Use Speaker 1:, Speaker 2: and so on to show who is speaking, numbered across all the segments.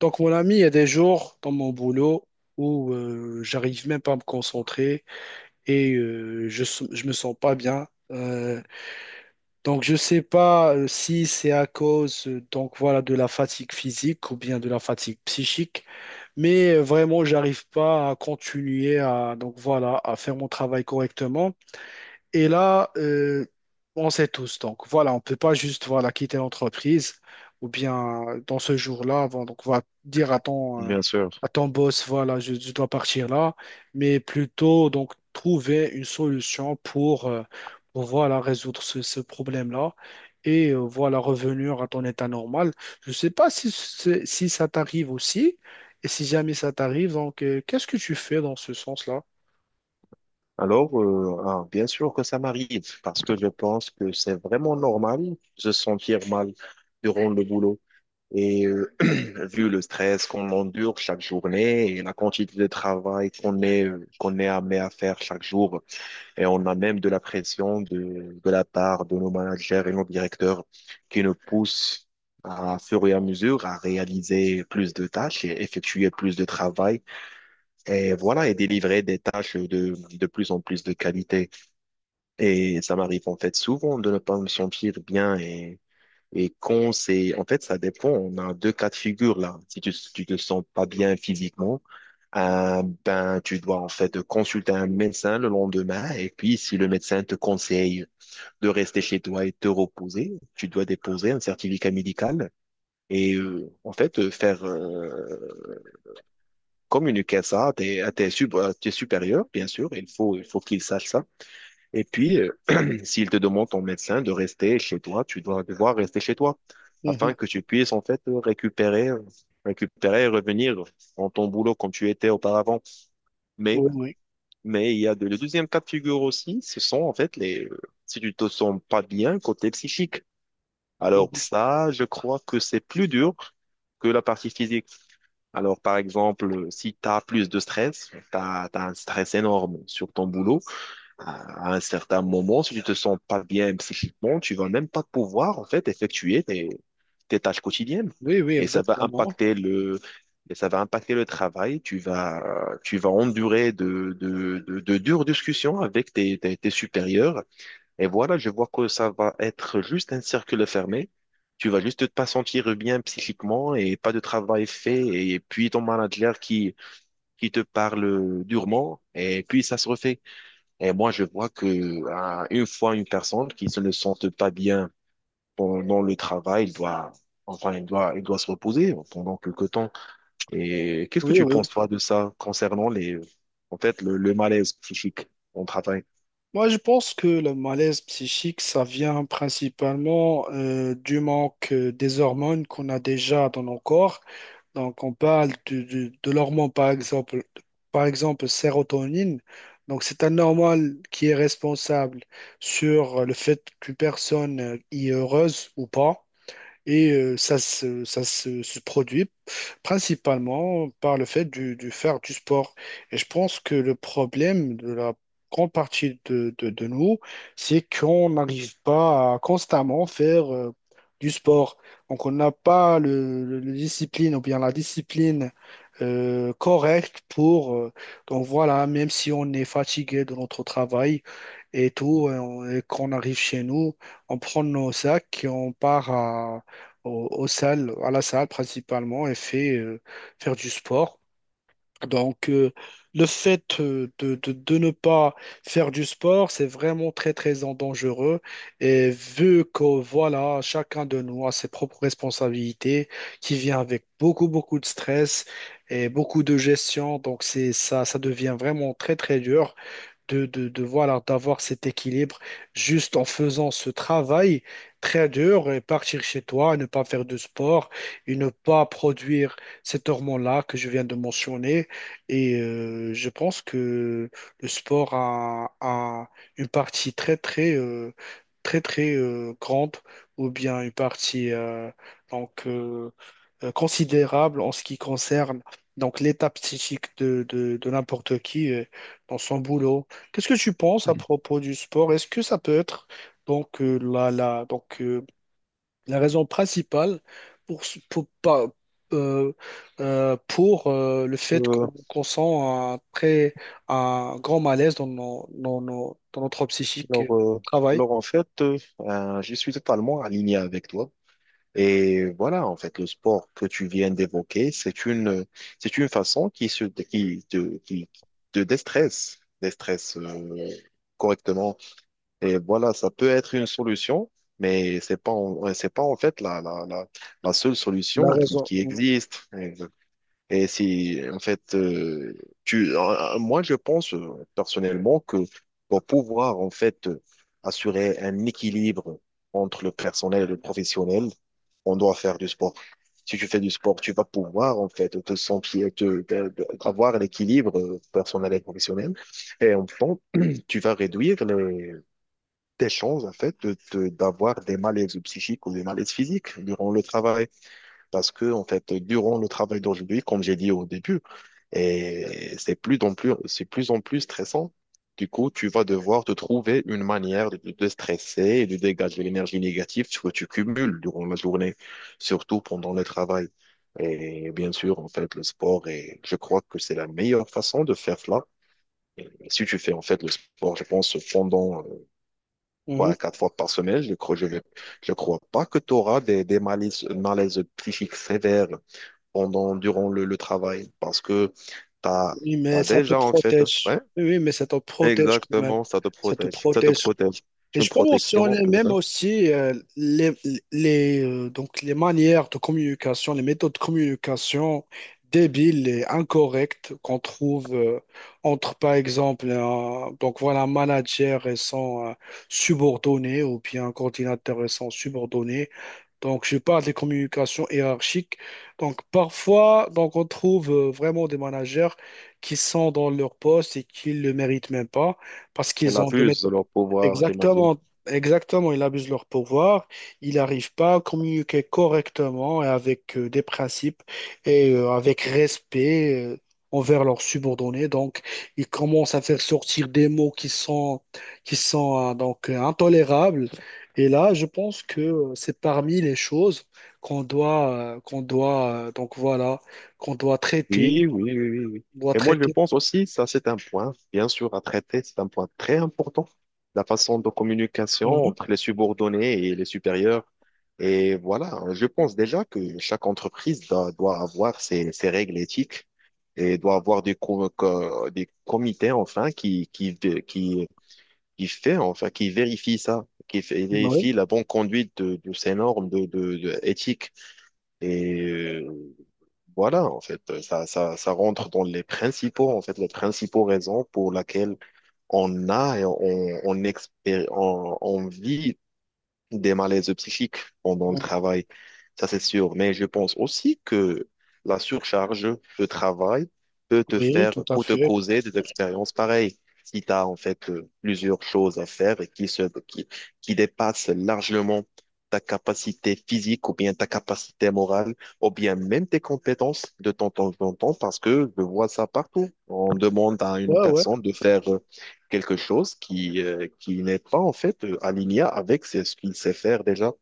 Speaker 1: Donc, mon ami, il y a des jours dans mon boulot où j'arrive même pas à me concentrer et je me sens pas bien. Donc, je sais pas si c'est à cause, donc voilà, de la fatigue physique ou bien de la fatigue psychique, mais vraiment, j'arrive pas à continuer à, donc voilà, à faire mon travail correctement. Et là, on sait tous. Donc voilà, on ne peut pas juste, voilà, quitter l'entreprise ou bien dans ce jour-là, bon, donc on va dire
Speaker 2: Bien sûr.
Speaker 1: à ton boss, voilà, je dois partir là, mais plutôt donc trouver une solution pour, pour, voilà, résoudre ce problème-là et voilà, revenir à ton état normal. Je ne sais pas si ça t'arrive aussi. Et si jamais ça t'arrive, donc qu'est-ce que tu fais dans ce sens-là?
Speaker 2: Alors, bien sûr que ça m'arrive, parce que je pense que c'est vraiment normal de se sentir mal durant le boulot. Et euh, vu le stress qu'on endure chaque journée et la quantité de travail qu'on est amené à faire chaque jour, et on a même de la pression de la part de nos managers et nos directeurs qui nous poussent à, fur et à mesure à réaliser plus de tâches et effectuer plus de travail. Et voilà, et délivrer des tâches de plus en plus de qualité. Et ça m'arrive en fait souvent de ne pas me sentir bien et quand c'est, en fait, ça dépend. On a deux cas de figure là. Si tu te sens pas bien physiquement, ben, tu dois en fait consulter un médecin le lendemain et puis si le médecin te conseille de rester chez toi et te reposer, tu dois déposer un certificat médical et en fait faire communiquer ça à tes supérieurs, bien sûr, il faut qu'ils sachent ça. Et puis, s'il te demande ton médecin de rester chez toi, tu dois devoir rester chez toi afin
Speaker 1: Mhm.
Speaker 2: que tu puisses en fait récupérer, récupérer et revenir dans ton boulot comme tu étais auparavant. Mais,
Speaker 1: Oui, oui.
Speaker 2: mais il y a le deuxième cas de figure aussi, ce sont en fait si tu te sens pas bien côté psychique. Alors
Speaker 1: Mhm.
Speaker 2: ça, je crois que c'est plus dur que la partie physique. Alors, par exemple, si tu as plus de stress, tu as un stress énorme sur ton boulot, à un certain moment, si tu te sens pas bien psychiquement, tu vas même pas pouvoir, en fait, effectuer tes tâches quotidiennes.
Speaker 1: Oui, oui,
Speaker 2: Et ça va
Speaker 1: exactement.
Speaker 2: impacter le, et ça va impacter le travail. Tu vas endurer de dures discussions avec tes supérieurs, et voilà, je vois que ça va être juste un cercle fermé. Tu vas juste pas sentir bien psychiquement et pas de travail fait. Et puis ton manager qui te parle durement. Et puis ça se refait. Et moi, je vois que une fois une personne qui se ne sente pas bien pendant le travail, il doit, enfin, il doit se reposer pendant quelque temps. Et qu'est-ce que
Speaker 1: Oui,
Speaker 2: tu
Speaker 1: oui.
Speaker 2: penses, toi, de ça concernant en fait, le malaise psychique au travail?
Speaker 1: Moi, je pense que le malaise psychique, ça vient principalement du manque des hormones qu'on a déjà dans nos corps. Donc, on parle de l'hormone, par exemple, sérotonine. Donc, c'est un hormone qui est responsable sur le fait qu'une personne y est heureuse ou pas. Et ça se produit principalement par le fait du faire du sport. Et je pense que le problème de la grande partie de nous, c'est qu'on n'arrive pas à constamment faire du sport. Donc on n'a pas le discipline ou bien la discipline correct pour, donc voilà, même si on est fatigué de notre travail et tout, et qu'on arrive chez nous, on prend nos sacs et on part à la salle principalement et faire du sport. Donc, le fait de ne pas faire du sport, c'est vraiment très, très en dangereux. Et vu que, voilà, chacun de nous a ses propres responsabilités qui vient avec beaucoup, beaucoup de stress et beaucoup de gestion, donc c'est ça, ça devient vraiment très, très dur de, voilà, d'avoir cet équilibre juste en faisant ce travail très dur et partir chez toi, ne pas faire de sport et ne pas produire cet hormone-là que je viens de mentionner. Et je pense que le sport a, a une partie très, très, grande ou bien une partie donc, considérable en ce qui concerne donc l'état psychique de n'importe qui dans son boulot. Qu'est-ce que tu penses à propos du sport? Est-ce que ça peut être donc la raison principale pour, ce- pour, pas- euh, pour le fait
Speaker 2: Euh,
Speaker 1: qu'on sent un grand malaise dans notre psychique
Speaker 2: Alors, euh,
Speaker 1: travail.
Speaker 2: alors en fait, je suis totalement aligné avec toi. Et voilà, en fait, le sport que tu viens d'évoquer, c'est une façon qui te déstresse, déstresse correctement. Et voilà, ça peut être une solution, mais c'est pas, en- ouais, c'est pas en fait la seule
Speaker 1: La
Speaker 2: solution
Speaker 1: raison.
Speaker 2: qui
Speaker 1: Mhm.
Speaker 2: existe. Et si, en fait, moi, je pense personnellement que pour pouvoir, en fait, assurer un équilibre entre le personnel et le professionnel, on doit faire du sport. Si tu fais du sport, tu vas pouvoir, en fait, te sentir, te- te- avoir l'équilibre personnel et professionnel. Et en fait, tu vas réduire tes chances, en fait, d'avoir des malaises psychiques ou des malaises physiques durant le travail. Parce que, en fait, durant le travail d'aujourd'hui, comme j'ai dit au début, c'est plus en plus stressant. Du coup, tu vas devoir te trouver une manière de te de stresser et de dégager l'énergie négative que tu cumules durant la journée, surtout pendant le travail. Et bien sûr, en fait, le sport et je crois que c'est la meilleure façon de faire cela. Si tu fais, en fait, le sport, je pense, pendant trois
Speaker 1: Mhm.
Speaker 2: à quatre fois par semaine, je crois pas que tu auras des malaises, malaises psychiques sévères durant le travail parce que t'as,
Speaker 1: Oui, mais
Speaker 2: t'as
Speaker 1: ça te
Speaker 2: déjà, en fait.
Speaker 1: protège.
Speaker 2: Ouais,
Speaker 1: Oui, oui, mais ça te protège quand même.
Speaker 2: exactement, ça te
Speaker 1: Ça te
Speaker 2: protège. Ça te
Speaker 1: protège.
Speaker 2: protège.
Speaker 1: Et
Speaker 2: C'est une
Speaker 1: je peux
Speaker 2: protection, on
Speaker 1: mentionner
Speaker 2: peut
Speaker 1: même
Speaker 2: dire.
Speaker 1: aussi donc les manières de communication, les méthodes de communication débiles et incorrectes qu'on trouve entre, par exemple, donc voilà, un manager et son subordonné ou bien un coordinateur et son subordonné. Donc, je parle des communications hiérarchiques. Donc, parfois, donc, on trouve vraiment des managers qui sont dans leur poste et qui ne le méritent même pas parce
Speaker 2: Elle
Speaker 1: qu'ils ont des
Speaker 2: abuse de
Speaker 1: méthodes.
Speaker 2: leur pouvoir, j'imagine.
Speaker 1: Exactement, exactement, ils abusent de leur pouvoir, ils n'arrivent pas à communiquer correctement et avec des principes et avec respect envers leurs subordonnés. Donc, ils commencent à faire sortir des mots qui sont, donc intolérables. Et là, je pense que c'est parmi les choses donc voilà, qu'on doit traiter,
Speaker 2: Oui, oui, oui, oui, oui.
Speaker 1: doit
Speaker 2: Et moi, je
Speaker 1: traiter.
Speaker 2: pense aussi, ça, c'est un point, bien sûr, à traiter. C'est un point très important. La façon de communication
Speaker 1: Mhm.
Speaker 2: entre les subordonnés et les supérieurs. Et voilà, je pense déjà que chaque entreprise doit avoir ses règles éthiques et doit avoir des comités enfin qui vérifie ça,
Speaker 1: Oui,
Speaker 2: vérifie la bonne conduite de ces normes de éthique. Et euh, voilà, en fait, ça rentre dans les principaux raisons pour laquelle on a et on, expé- on vit des malaises psychiques pendant le travail, ça c'est sûr. Mais je pense aussi que la surcharge de travail
Speaker 1: oui, tout à
Speaker 2: peut te
Speaker 1: fait.
Speaker 2: causer des expériences pareilles. Si tu as en fait plusieurs choses à faire et qui dépassent largement ta capacité physique ou bien ta capacité morale ou bien même tes compétences de temps en temps, parce que je vois ça partout. On demande à une
Speaker 1: Ouais, ouais.
Speaker 2: personne de faire quelque chose qui n'est pas en fait aligné avec ce qu'il sait faire déjà.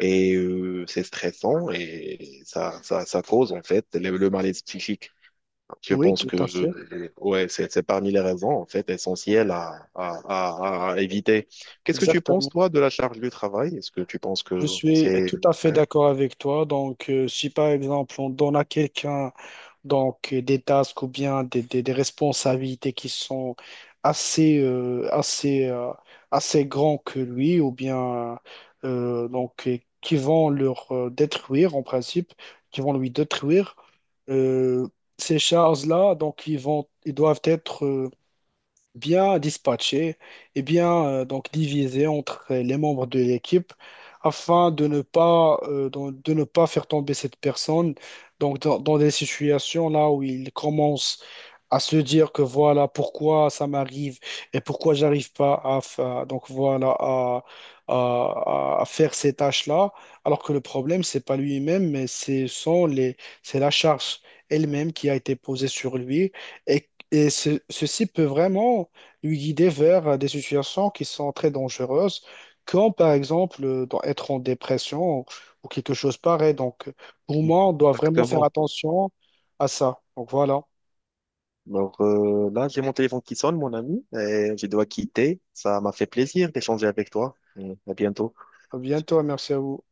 Speaker 2: C'est stressant et ça cause en fait le malaise psychique. Je
Speaker 1: Oui,
Speaker 2: pense
Speaker 1: tout
Speaker 2: que
Speaker 1: à fait.
Speaker 2: ouais, c'est parmi les raisons en fait essentielles à éviter. Qu'est-ce que tu penses
Speaker 1: Exactement.
Speaker 2: toi de la charge du travail? Est-ce que tu penses
Speaker 1: Je
Speaker 2: que
Speaker 1: suis
Speaker 2: c'est...
Speaker 1: tout à fait
Speaker 2: Ouais,
Speaker 1: d'accord avec toi. Donc, si par exemple on donne à quelqu'un donc des tasks ou bien des responsabilités qui sont assez euh, assez euh, assez grands que lui ou bien donc qui vont leur détruire en principe, qui vont lui détruire euh, ces charges-là. Donc, ils doivent être bien dispatché et bien donc divisé entre les membres de l'équipe afin de ne pas faire tomber cette personne donc dans des situations là où il commence à se dire que voilà pourquoi ça m'arrive et pourquoi j'arrive pas à, fa- donc voilà à faire ces tâches-là alors que le problème c'est pas lui-même mais c'est sont les c'est la charge elle-même qui a été posée sur lui et et ceci peut vraiment lui guider vers des situations qui sont très dangereuses, comme par exemple être en dépression ou quelque chose pareil. Donc, pour moi, on doit vraiment faire
Speaker 2: exactement.
Speaker 1: attention à ça. Donc voilà.
Speaker 2: Alors là, j'ai mon téléphone qui sonne, mon ami, et je dois quitter. Ça m'a fait plaisir d'échanger avec toi. Mm, à bientôt.
Speaker 1: À bientôt, et merci à vous.